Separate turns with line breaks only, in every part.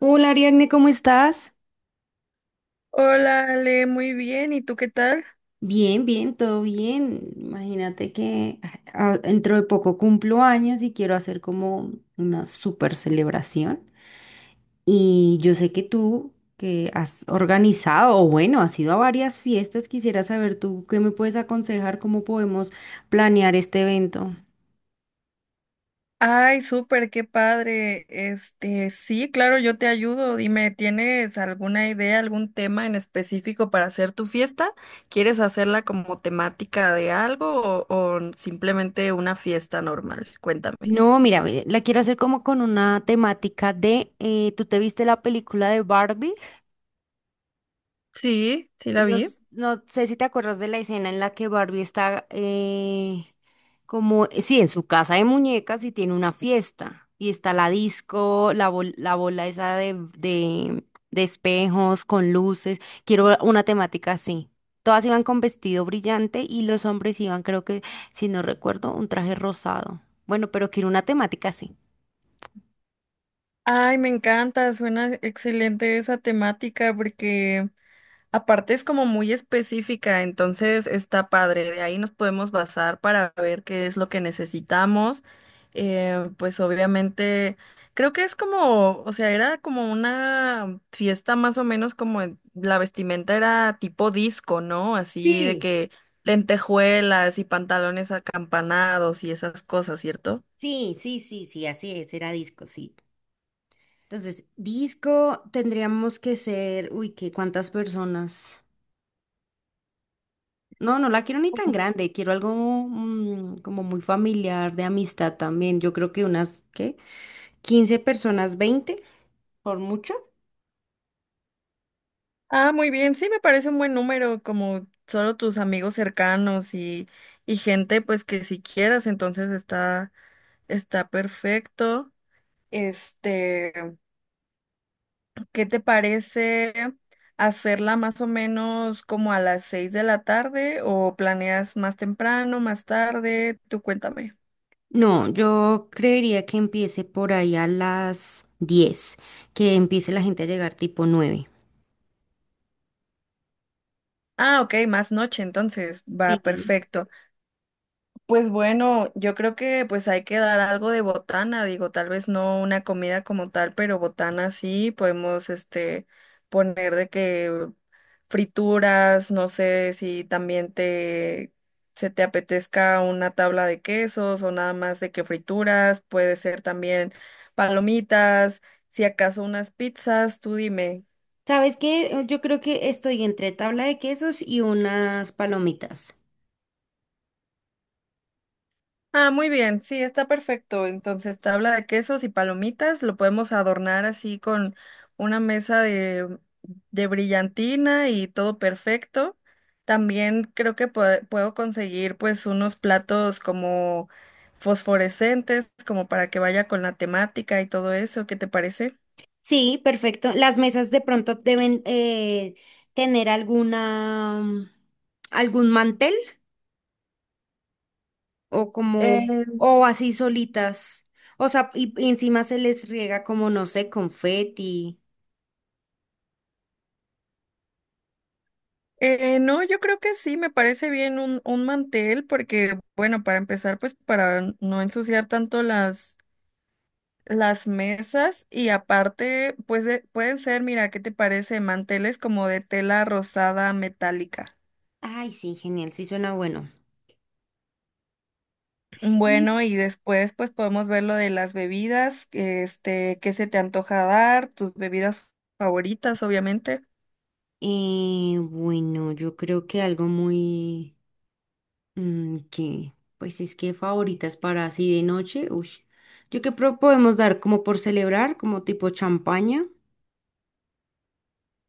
Hola Ariadne, ¿cómo estás?
Hola, Ale, muy bien. ¿Y tú qué tal?
Bien, bien, todo bien. Imagínate que dentro de poco cumplo años y quiero hacer como una super celebración. Y yo sé que tú, que has organizado, o bueno, has ido a varias fiestas, quisiera saber tú qué me puedes aconsejar, cómo podemos planear este evento.
Ay, súper, qué padre. Este, sí, claro, yo te ayudo. Dime, ¿tienes alguna idea, algún tema en específico para hacer tu fiesta? ¿Quieres hacerla como temática de algo o simplemente una fiesta normal? Cuéntame.
No, mira, ve, la quiero hacer como con una temática de, ¿tú te viste la película de Barbie?
Sí, sí la
No,
vi.
no sé si te acuerdas de la escena en la que Barbie está como, sí, en su casa de muñecas y tiene una fiesta. Y está la disco, la, la bola esa de espejos con luces. Quiero una temática así. Todas iban con vestido brillante y los hombres iban, creo que, si no recuerdo, un traje rosado. Bueno, pero quiero una temática así.
Ay, me encanta, suena excelente esa temática porque aparte es como muy específica, entonces está padre. De ahí nos podemos basar para ver qué es lo que necesitamos. Pues obviamente, creo que es como, o sea, era como una fiesta más o menos como la vestimenta era tipo disco, ¿no? Así de
Sí,
que lentejuelas y pantalones acampanados y esas cosas, ¿cierto?
sí, sí, sí, sí, así es, era disco, sí. Entonces, disco tendríamos que ser, uy, ¿qué? ¿Cuántas personas? No, no la quiero ni tan grande, quiero algo como muy familiar, de amistad también. Yo creo que unas, ¿qué? 15 personas, 20 por mucho.
Ah, muy bien, sí me parece un buen número, como solo tus amigos cercanos y gente pues que si quieras, entonces está, está perfecto. Este, ¿qué te parece hacerla más o menos como a las 6 de la tarde o planeas más temprano, más tarde? Tú cuéntame.
No, yo creería que empiece por ahí a las 10, que empiece la gente a llegar tipo 9.
Ah, ok, más noche, entonces va
Sí.
perfecto. Pues bueno, yo creo que pues hay que dar algo de botana, digo, tal vez no una comida como tal, pero botana sí, podemos este poner de que frituras, no sé si también te se te apetezca una tabla de quesos o nada más de que frituras, puede ser también palomitas, si acaso unas pizzas, tú dime.
¿Sabes qué? Yo creo que estoy entre tabla de quesos y unas palomitas.
Ah, muy bien, sí, está perfecto. Entonces, tabla de quesos y palomitas, lo podemos adornar así con una mesa de brillantina y todo perfecto. También creo que puedo conseguir pues unos platos como fosforescentes, como para que vaya con la temática y todo eso. ¿Qué te parece?
Sí, perfecto. Las mesas de pronto deben tener alguna, algún mantel o como,
Eh,
o así solitas. O sea, y encima se les riega como, no sé, confeti.
No, yo creo que sí, me parece bien un mantel porque, bueno, para empezar, pues para no ensuciar tanto las mesas y aparte, pues pueden ser, mira, ¿qué te parece? Manteles como de tela rosada metálica.
Ay, sí, genial, sí suena bueno. Y
Bueno, y después pues podemos ver lo de las bebidas, este, qué se te antoja dar, tus bebidas favoritas, obviamente.
bueno, yo creo que algo muy, que, pues es que favoritas para así de noche, uy. Yo creo que podemos dar como por celebrar, como tipo champaña.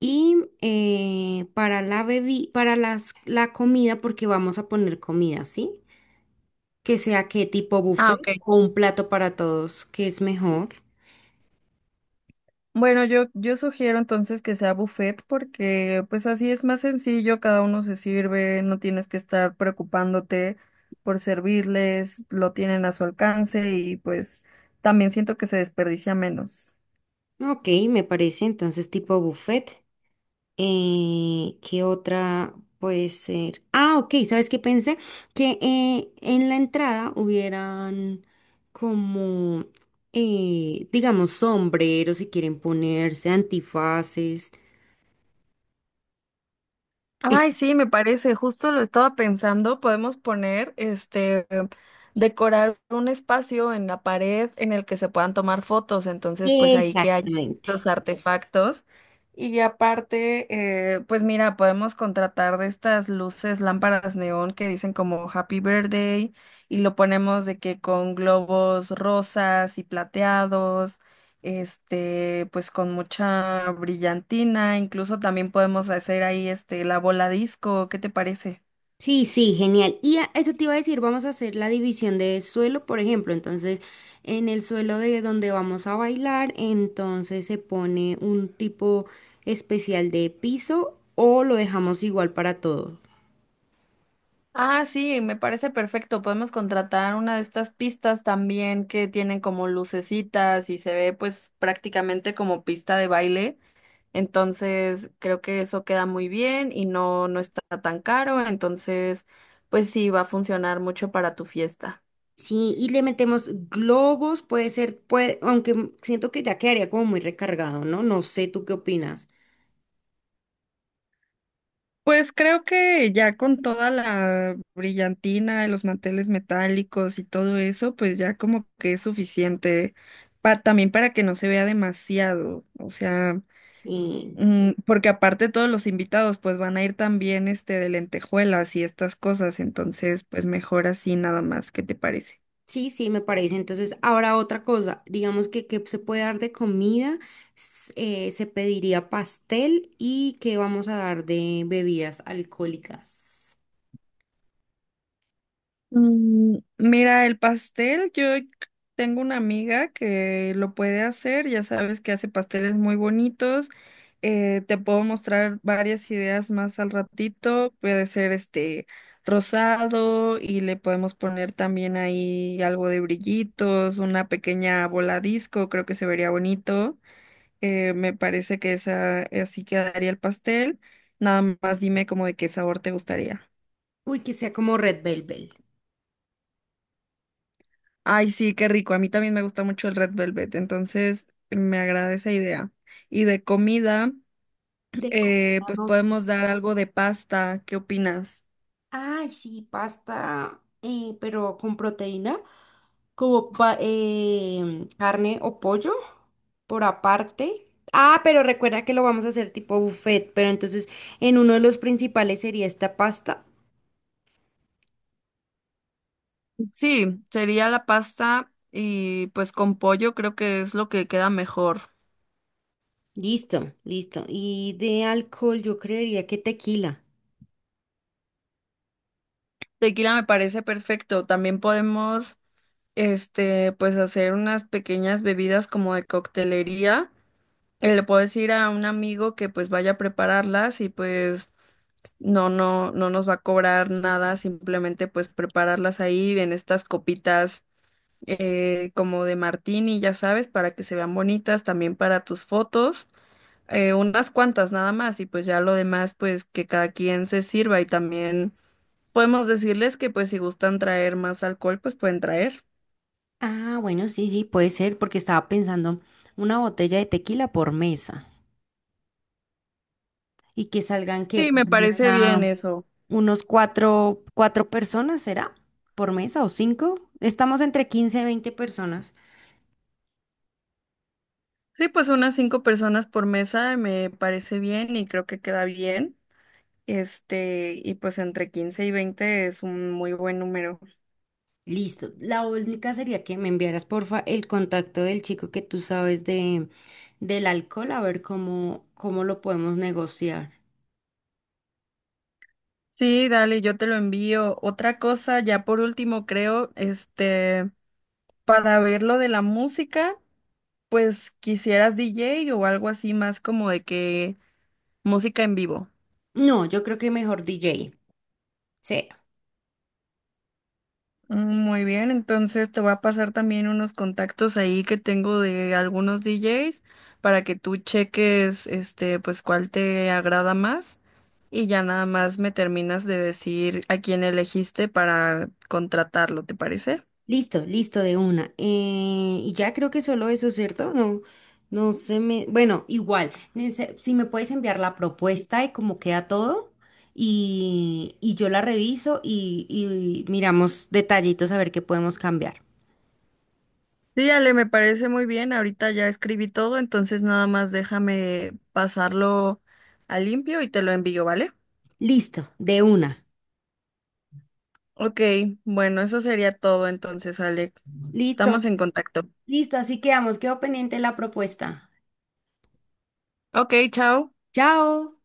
Y para la para las, la comida, porque vamos a poner comida, ¿sí? Que sea qué tipo
Ah,
buffet
ok.
o un plato para todos, que es mejor.
Bueno, yo sugiero entonces que sea buffet porque pues así es más sencillo, cada uno se sirve, no tienes que estar preocupándote por servirles, lo tienen a su alcance y pues también siento que se desperdicia menos.
Ok, me parece entonces tipo buffet. ¿Qué otra puede ser? Ah, ok, ¿sabes qué pensé? Que en la entrada hubieran como, digamos, sombreros si quieren ponerse, antifaces. Es-
Ay, sí, me parece, justo lo estaba pensando, podemos poner, este, decorar un espacio en la pared en el que se puedan tomar fotos, entonces pues ahí que hay
Exactamente.
estos artefactos. Y aparte, pues mira, podemos contratar de estas luces, lámparas neón que dicen como Happy Birthday y lo ponemos de que con globos rosas y plateados este, pues con mucha brillantina, incluso también podemos hacer ahí este la bola disco, ¿qué te parece?
Sí, sí, genial. Y eso te iba a decir, vamos a hacer la división de suelo, por ejemplo. Entonces, en el suelo de donde vamos a bailar, entonces se pone un tipo especial de piso o lo dejamos igual para todos.
Ah, sí, me parece perfecto. Podemos contratar una de estas pistas también que tienen como lucecitas y se ve pues prácticamente como pista de baile. Entonces, creo que eso queda muy bien y no, no está tan caro. Entonces, pues sí, va a funcionar mucho para tu fiesta.
Sí, y le metemos globos, puede ser, puede, aunque siento que ya quedaría como muy recargado, ¿no? No sé, ¿tú qué opinas?
Pues creo que ya con toda la brillantina, y los manteles metálicos y todo eso, pues ya como que es suficiente también para que no se vea demasiado, o sea,
Sí.
porque aparte todos los invitados pues van a ir también este de lentejuelas y estas cosas, entonces pues mejor así nada más, ¿qué te parece?
Sí, sí, me parece. Entonces, ahora otra cosa, digamos que se puede dar de comida, se pediría pastel y que vamos a dar de bebidas alcohólicas.
Mira, el pastel, yo tengo una amiga que lo puede hacer, ya sabes que hace pasteles muy bonitos. Te puedo mostrar varias ideas más al ratito. Puede ser este rosado y le podemos poner también ahí algo de brillitos, una pequeña bola disco, creo que se vería bonito. Me parece que esa así quedaría el pastel. Nada más dime como de qué sabor te gustaría.
Uy, que sea como Red Velvet.
Ay, sí, qué rico. A mí también me gusta mucho el Red Velvet, entonces me agrada esa idea. Y de comida,
De comida,
pues
no sé.
podemos dar algo de pasta. ¿Qué opinas?
Ay, sí, pasta, pero con proteína, como carne o pollo por aparte. Ah, pero recuerda que lo vamos a hacer tipo buffet, pero entonces en uno de los principales sería esta pasta.
Sí, sería la pasta y pues con pollo creo que es lo que queda mejor.
Listo, listo. Y de alcohol yo creería que tequila.
Tequila me parece perfecto. También podemos, este, pues hacer unas pequeñas bebidas como de coctelería. Le puedo decir a un amigo que pues vaya a prepararlas y pues no, no, no nos va a cobrar nada, simplemente pues prepararlas ahí en estas copitas como de martini, ya sabes, para que se vean bonitas, también para tus fotos, unas cuantas nada más y pues ya lo demás pues que cada quien se sirva y también podemos decirles que pues si gustan traer más alcohol pues pueden traer.
Ah, bueno, sí, sí, puede ser, porque estaba pensando una botella de tequila por mesa. Y que salgan que
Sí,
por
me parece bien
mesa,
eso.
unos cuatro personas, ¿será? ¿Por mesa o 5? Estamos entre 15 y 20 personas.
Sí, pues unas cinco personas por mesa me parece bien y creo que queda bien. Este, y pues entre 15 y 20 es un muy buen número.
Listo. La única sería que me enviaras porfa el contacto del chico que tú sabes de del alcohol, a ver cómo lo podemos negociar.
Sí, dale, yo te lo envío. Otra cosa, ya por último, creo, este, para ver lo de la música, pues quisieras DJ o algo así más como de que música en vivo.
No, yo creo que mejor DJ. Sí.
Muy bien, entonces te voy a pasar también unos contactos ahí que tengo de algunos DJs para que tú cheques este pues cuál te agrada más y ya nada más me terminas de decir a quién elegiste para contratarlo, ¿te parece?
Listo, listo de una. Y ya creo que solo eso, ¿cierto? No, no se me. Bueno, igual, si me puedes enviar la propuesta de cómo queda todo y yo la reviso y miramos detallitos a ver qué podemos cambiar.
Sí, Ale, me parece muy bien. Ahorita ya escribí todo, entonces nada más déjame pasarlo a limpio y te lo envío, ¿vale?
Listo, de una.
Ok, bueno, eso sería todo entonces, Ale. Estamos
Listo,
en contacto.
listo, así quedamos. Quedo pendiente de la propuesta.
Ok, chao.
Chao.